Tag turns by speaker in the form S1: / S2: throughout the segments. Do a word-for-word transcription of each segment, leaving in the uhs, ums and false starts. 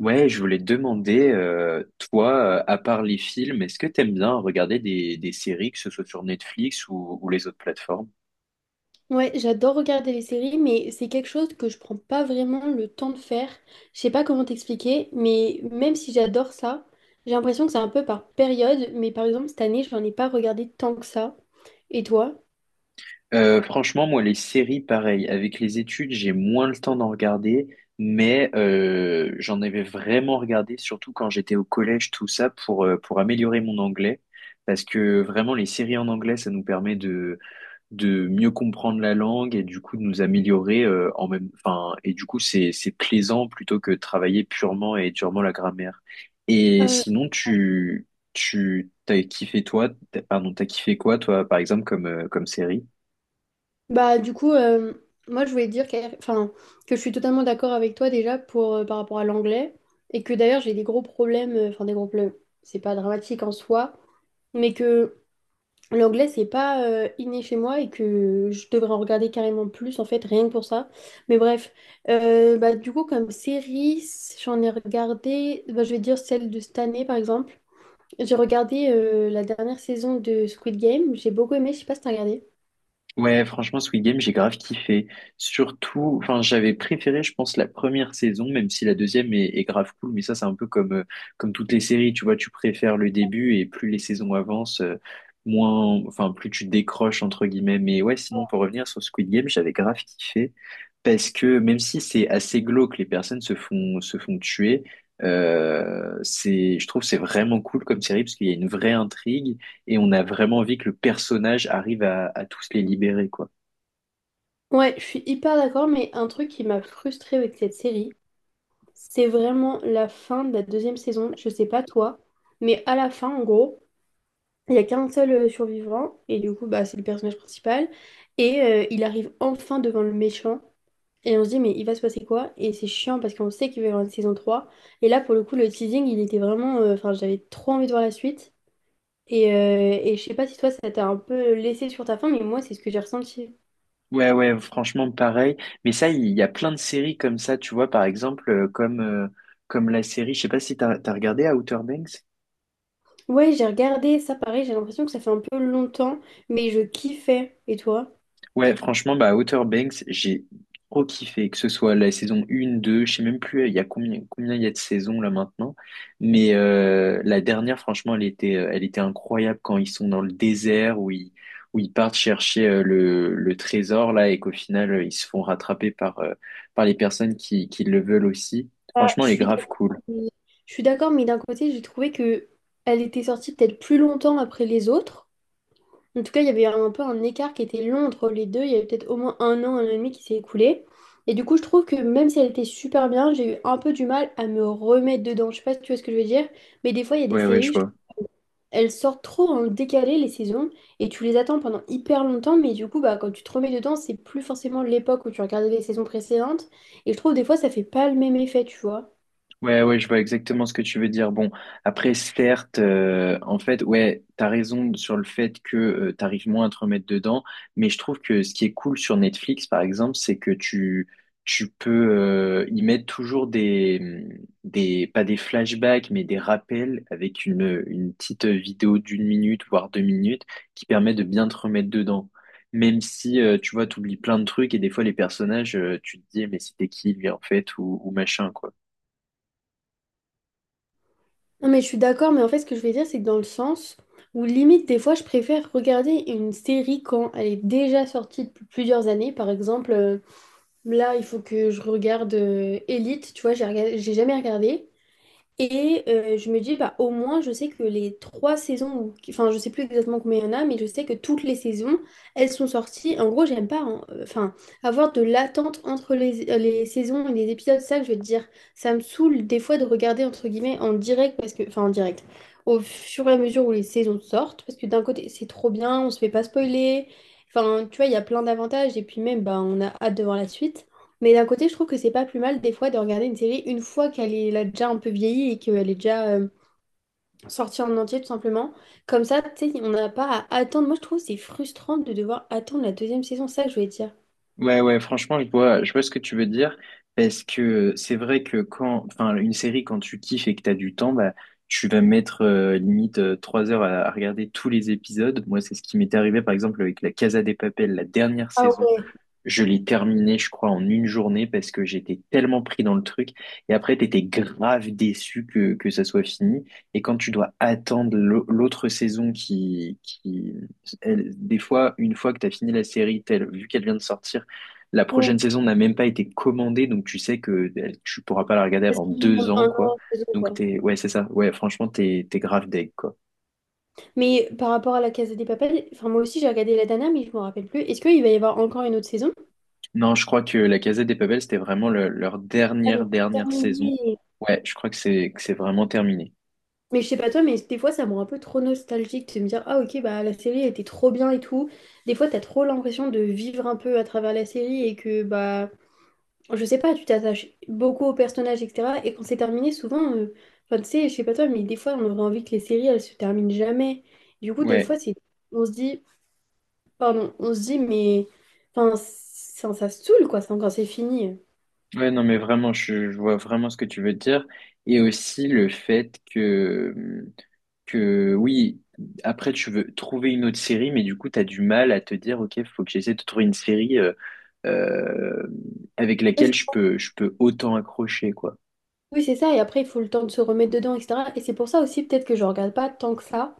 S1: Ouais, je voulais te demander, euh, toi, euh, à part les films, est-ce que t'aimes bien regarder des, des séries, que ce soit sur Netflix ou, ou les autres plateformes?
S2: Ouais, j'adore regarder les séries, mais c'est quelque chose que je prends pas vraiment le temps de faire. Je sais pas comment t'expliquer, mais même si j'adore ça, j'ai l'impression que c'est un peu par période. Mais par exemple, cette année, je n'en ai pas regardé tant que ça. Et toi?
S1: Euh, franchement, moi, les séries, pareil, avec les études, j'ai moins le temps d'en regarder, mais euh, j'en avais vraiment regardé, surtout quand j'étais au collège, tout ça, pour, euh, pour améliorer mon anglais, parce que vraiment, les séries en anglais, ça nous permet de mieux comprendre la langue et du coup de nous améliorer euh, en même enfin et du coup c'est c'est plaisant plutôt que de travailler purement et durement la grammaire. Et
S2: Euh,
S1: sinon tu tu t'as kiffé toi t'as- pardon, t'as kiffé quoi toi par exemple comme euh, comme série?
S2: Bah, du coup, euh, moi, je voulais dire que, enfin, que je suis totalement d'accord avec toi déjà pour, euh, par rapport à l'anglais. Et que d'ailleurs, j'ai des gros problèmes, euh, enfin, des gros problèmes, c'est pas dramatique en soi, mais que. L'anglais, c'est pas euh, inné chez moi et que je devrais en regarder carrément plus, en fait, rien que pour ça. Mais bref, euh, bah, du coup, comme série, j'en ai regardé, bah, je vais dire celle de cette année, par exemple. J'ai regardé euh, la dernière saison de Squid Game, j'ai beaucoup aimé, je sais pas si t'as regardé.
S1: Ouais, franchement, Squid Game, j'ai grave kiffé. Surtout, enfin, j'avais préféré, je pense, la première saison, même si la deuxième est, est grave cool. Mais ça, c'est un peu comme, euh, comme toutes les séries, tu vois, tu préfères le début et plus les saisons avancent, euh, moins, enfin, plus tu décroches, entre guillemets. Mais ouais, sinon, pour revenir sur Squid Game, j'avais grave kiffé parce que même si c'est assez glauque, les personnes se font, se font tuer. euh, c'est, je trouve, que c'est vraiment cool comme série parce qu'il y a une vraie intrigue et on a vraiment envie que le personnage arrive à, à tous les libérer, quoi.
S2: Ouais, je suis hyper d'accord, mais un truc qui m'a frustrée avec cette série, c'est vraiment la fin de la deuxième saison, je sais pas toi, mais à la fin, en gros. Il y a qu'un seul euh, survivant, et du coup, bah, c'est le personnage principal. Et euh, il arrive enfin devant le méchant, et on se dit, mais il va se passer quoi? Et c'est chiant parce qu'on sait qu'il va y avoir une saison trois. Et là, pour le coup, le teasing, il était vraiment. euh, Enfin, j'avais trop envie de voir la suite. Et, euh, et je sais pas si toi, ça t'a un peu laissé sur ta faim, mais moi, c'est ce que j'ai ressenti.
S1: Ouais, ouais, franchement, pareil. Mais ça, il y a plein de séries comme ça, tu vois, par exemple, euh, comme, euh, comme la série, je sais pas si t'as, t'as regardé Outer Banks?
S2: Ouais, j'ai regardé ça, pareil, j'ai l'impression que ça fait un peu longtemps, mais je kiffais. Et toi?
S1: Ouais, franchement, bah, Outer Banks, j'ai trop kiffé, que ce soit la saison un, deux, je sais même plus, il y a combien, combien il y a de saisons là maintenant, mais euh, la dernière, franchement, elle était, euh, elle était incroyable quand ils sont dans le désert, où ils, où ils partent chercher euh, le, le trésor là, et qu'au final, euh, ils se font rattraper par, euh, par les personnes qui, qui le veulent aussi.
S2: Ah,
S1: Franchement,
S2: je
S1: elle est
S2: suis
S1: grave cool.
S2: d'accord, mais, je suis d'accord, mais d'un côté, j'ai trouvé que elle était sortie peut-être plus longtemps après les autres. En tout cas, il y avait un peu un écart qui était long entre les deux. Il y avait peut-être au moins un an, un an et demi qui s'est écoulé. Et du coup, je trouve que même si elle était super bien, j'ai eu un peu du mal à me remettre dedans. Je sais pas si tu vois ce que je veux dire, mais des fois, il y a des
S1: Ouais, ouais, je
S2: séries, je
S1: vois.
S2: trouve, elles sortent trop en décalé les saisons et tu les attends pendant hyper longtemps. Mais du coup, bah, quand tu te remets dedans, c'est plus forcément l'époque où tu regardais les saisons précédentes. Et je trouve des fois, ça fait pas le même effet, tu vois.
S1: Ouais, ouais, je vois exactement ce que tu veux dire. Bon, après, certes, euh, en fait, ouais, t'as raison sur le fait que euh, t'arrives moins à te remettre dedans, mais je trouve que ce qui est cool sur Netflix, par exemple, c'est que tu, tu peux euh, y mettre toujours des, des, pas des flashbacks, mais des rappels avec une, une petite vidéo d'une minute, voire deux minutes, qui permet de bien te remettre dedans. Même si, euh, tu vois, t'oublies plein de trucs et des fois, les personnages, euh, tu te dis, mais c'était qui, lui, en fait, ou, ou machin, quoi.
S2: Non, mais je suis d'accord, mais en fait, ce que je vais dire, c'est que dans le sens où limite, des fois, je préfère regarder une série quand elle est déjà sortie depuis plusieurs années. Par exemple, euh, là, il faut que je regarde euh, Elite, tu vois, j'ai rega- j'ai jamais regardé. Et euh, je me dis, bah, au moins, je sais que les trois saisons, ou- enfin, je sais plus exactement combien il y en a, mais je sais que toutes les saisons, elles sont sorties. En gros, j'aime pas, hein, euh, enfin, avoir de l'attente entre les, euh, les saisons et les épisodes, c'est ça que je veux te dire. Ça me saoule des fois de regarder, entre guillemets, en direct, parce que, enfin, en direct, au fur et à mesure où les saisons sortent, parce que d'un côté, c'est trop bien, on se fait pas spoiler. Enfin, tu vois, il y a plein d'avantages, et puis même, bah, on a hâte de voir la suite. Mais d'un côté, je trouve que c'est pas plus mal des fois de regarder une série une fois qu'elle est, elle a déjà un peu vieilli et qu'elle est déjà euh, sortie en entier tout simplement. Comme ça, tu sais, on n'a pas à attendre. Moi, je trouve que c'est frustrant de devoir attendre la deuxième saison, c'est ça que je voulais dire.
S1: Ouais, ouais, franchement, je vois, je vois ce que tu veux dire, parce que c'est vrai que quand, enfin, une série, quand tu kiffes et que t'as du temps, bah, tu vas mettre euh, limite euh, trois heures à, à regarder tous les épisodes. Moi, c'est ce qui m'est arrivé, par exemple, avec la Casa de Papel, la dernière
S2: Ah
S1: saison.
S2: ouais,
S1: Je l'ai terminé, je crois, en une journée parce que j'étais tellement pris dans le truc. Et après, t'étais grave déçu que, que ça soit fini. Et quand tu dois attendre l'au- l'autre saison qui, qui, elle- des fois, une fois que t'as fini la série, telle, vu qu'elle vient de sortir, la prochaine
S2: ouais.
S1: saison n'a même pas été commandée. Donc, tu sais que elle- tu pourras pas la regarder
S2: Parce
S1: avant
S2: qu'il
S1: deux
S2: minimum
S1: ans,
S2: un
S1: quoi.
S2: an, deux ans,
S1: Donc,
S2: quoi.
S1: t'es, ouais, c'est ça. Ouais, franchement, t'es, t'es grave deg, quoi.
S2: Mais par rapport à la Casa des Papel, enfin moi aussi j'ai regardé la dernière, mais je me rappelle plus. Est-ce qu'il va y avoir encore une autre saison?
S1: Non, je crois que la Casa des Papel, c'était vraiment le- leur
S2: Ah,
S1: dernière,
S2: donc
S1: dernière saison.
S2: terminé.
S1: Ouais, je crois que c'est que c'est vraiment terminé.
S2: Mais je sais pas toi, mais des fois ça me rend un peu trop nostalgique de me dire ah ok bah la série elle était trop bien et tout. Des fois t'as trop l'impression de vivre un peu à travers la série et que bah je sais pas, tu t'attaches beaucoup aux personnages et cetera. Et quand c'est terminé souvent, euh, enfin tu sais, je sais pas toi, mais des fois on aurait envie que les séries elles se terminent jamais. Du coup des
S1: Ouais,
S2: fois c'est on se dit pardon, on se dit mais enfin ça, ça saoule quoi ça, quand c'est fini.
S1: ouais, non, mais vraiment, je, je vois vraiment ce que tu veux dire. Et aussi le fait que, que oui, après, tu veux trouver une autre série, mais du coup, tu as du mal à te dire, OK, faut que j'essaie de trouver une série euh, euh, avec
S2: Ouais,
S1: laquelle
S2: c'est-
S1: je peux, je peux autant accrocher, quoi.
S2: Oui c'est ça et après il faut le temps de se remettre dedans et cetera. Et c'est pour ça aussi peut-être que je regarde pas tant que ça.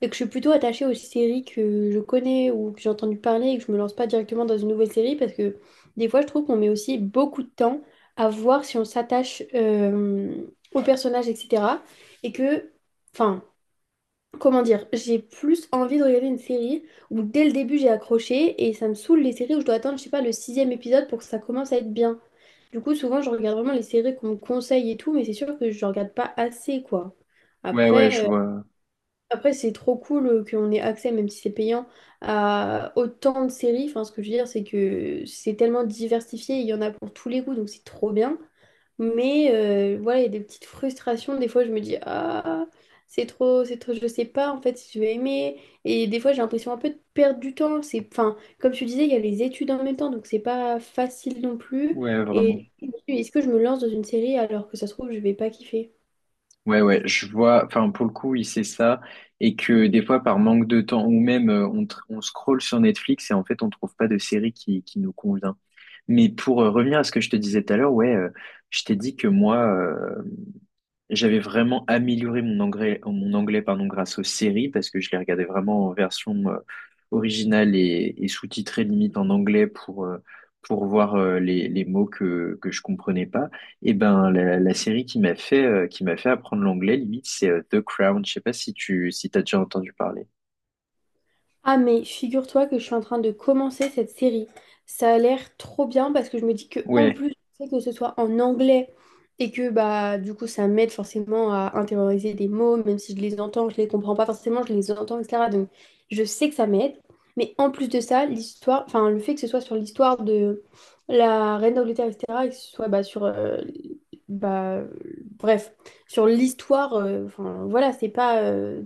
S2: Et que je suis plutôt attachée aux séries que je connais ou que j'ai entendu parler et que je me lance pas directement dans une nouvelle série parce que des fois je trouve qu'on met aussi beaucoup de temps à voir si on s'attache euh, au personnage, et cetera. Et que, enfin, comment dire, j'ai plus envie de regarder une série où dès le début j'ai accroché et ça me saoule les séries où je dois attendre, je sais pas, le sixième épisode pour que ça commence à être bien. Du coup, souvent je regarde vraiment les séries qu'on me conseille et tout, mais c'est sûr que je regarde pas assez, quoi.
S1: Ouais, ouais, je
S2: Après. euh,
S1: vois.
S2: après, c'est trop cool euh, qu'on ait accès, même si c'est payant, à autant de séries. Enfin, ce que je veux dire, c'est que c'est tellement diversifié, il y en a pour tous les goûts, donc c'est trop bien. Mais euh, voilà, il y a des petites frustrations. Des fois, je me dis, ah, c'est trop, c'est trop, je sais pas en fait si je vais aimer. Et des fois, j'ai l'impression un peu de perdre du temps. C'est, enfin, comme tu disais, il y a les études en même temps, donc c'est pas facile non plus.
S1: Ouais, vraiment.
S2: Et du coup, je me dis, est-ce que je me lance dans une série alors que ça se trouve, je vais pas kiffer?
S1: Ouais, ouais, je vois, enfin, pour le coup, il sait ça, et que des fois, par manque de temps, ou même, euh, on, tr- on scrolle sur Netflix et en fait, on trouve pas de série qui, qui nous convient. Mais pour euh, revenir à ce que je te disais tout à l'heure, ouais, euh, je t'ai dit que moi, euh, j'avais vraiment amélioré mon anglais, mon anglais pardon, grâce aux séries parce que je les regardais vraiment en version euh, originale et, et sous-titrée limite en anglais pour, euh, pour voir euh, les, les mots que, que je comprenais pas. Et ben la, la série qui m'a fait, euh, qui m'a fait apprendre l'anglais limite c'est euh, The Crown. Je sais pas si tu si t'as déjà entendu parler.
S2: Ah mais figure-toi que je suis en train de commencer cette série. Ça a l'air trop bien parce que je me dis que en
S1: Ouais,
S2: plus, tu sais, que ce soit en anglais et que bah du coup ça m'aide forcément à intérioriser des mots, même si je les entends, je les comprends pas forcément, je les entends, et cetera. Donc je sais que ça m'aide. Mais en plus de ça, l'histoire, enfin le fait que ce soit sur l'histoire de la reine d'Angleterre, et cetera. Et que ce soit bah, sur euh, bah, bref, sur l'histoire, euh, enfin voilà, c'est pas euh,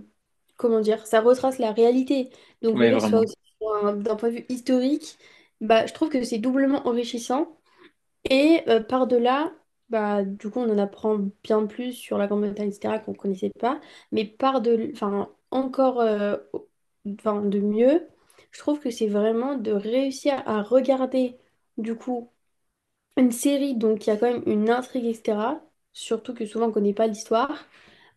S2: comment dire, ça retrace la réalité. Donc le
S1: ouais
S2: fait que ce soit
S1: vraiment.
S2: aussi pour un- d'un point de vue historique, bah, je trouve que c'est doublement enrichissant. Et euh, par-delà, bah, du coup, on en apprend bien plus sur la Grande-Bretagne, et cetera, qu'on ne connaissait pas. Mais par-delà, enfin, encore euh, au- enfin, de mieux, je trouve que c'est vraiment de réussir à regarder, du coup, une série, donc il y a quand même une intrigue, et cetera. Surtout que souvent on connaît pas l'histoire.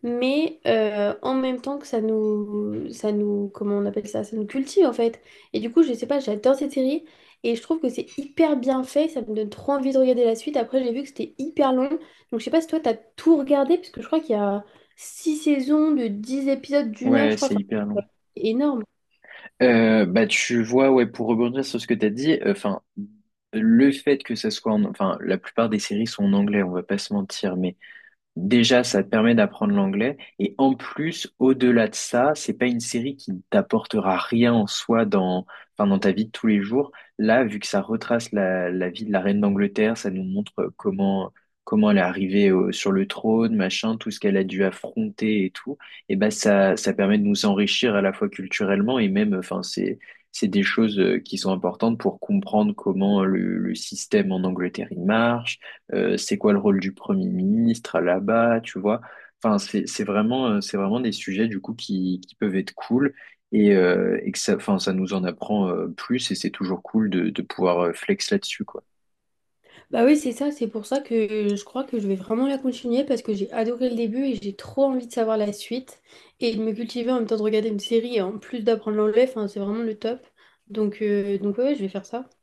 S2: Mais euh, en même temps que ça nous, ça nous, comment on appelle ça, ça nous cultive en fait. Et du coup, je sais pas, j'adore cette série et je trouve que c'est hyper bien fait. Ça me donne trop envie de regarder la suite. Après, j'ai vu que c'était hyper long. Donc, je sais pas si toi, t'as tout regardé, parce que je crois qu'il y a six saisons de dix épisodes d'une heure, je
S1: Ouais,
S2: crois.
S1: c'est
S2: Enfin,
S1: hyper long.
S2: c'est énorme.
S1: Euh, bah tu vois ouais pour rebondir sur ce que t'as dit enfin le fait que ça soit en... enfin la plupart des séries sont en anglais on va pas se mentir mais déjà, ça te permet d'apprendre l'anglais. Et en plus, au-delà de ça, c'est pas une série qui ne t'apportera rien en soi dans, enfin, dans ta vie de tous les jours. Là, vu que ça retrace la, la vie de la reine d'Angleterre, ça nous montre euh, comment, comment elle est arrivée au- sur le trône, machin, tout ce qu'elle a dû affronter et tout. Et ben, ça, ça permet de nous enrichir à la fois culturellement et même, enfin, c'est, c'est des choses euh, qui sont importantes pour comprendre comment le, le système en Angleterre il marche euh, c'est quoi le rôle du Premier ministre là-bas, tu vois. Enfin, c'est c'est vraiment, euh, c'est vraiment des sujets du coup qui, qui peuvent être cool et, euh, et que ça, enfin, ça nous en apprend euh, plus et c'est toujours cool de, de pouvoir euh, flex là-dessus, quoi.
S2: Bah oui, c'est ça, c'est pour ça que je crois que je vais vraiment la continuer parce que j'ai adoré le début et j'ai trop envie de savoir la suite et de me cultiver en même temps de regarder une série et en plus d'apprendre l'anglais, enfin, c'est vraiment le top. Donc, euh, donc ouais, ouais, je vais faire ça.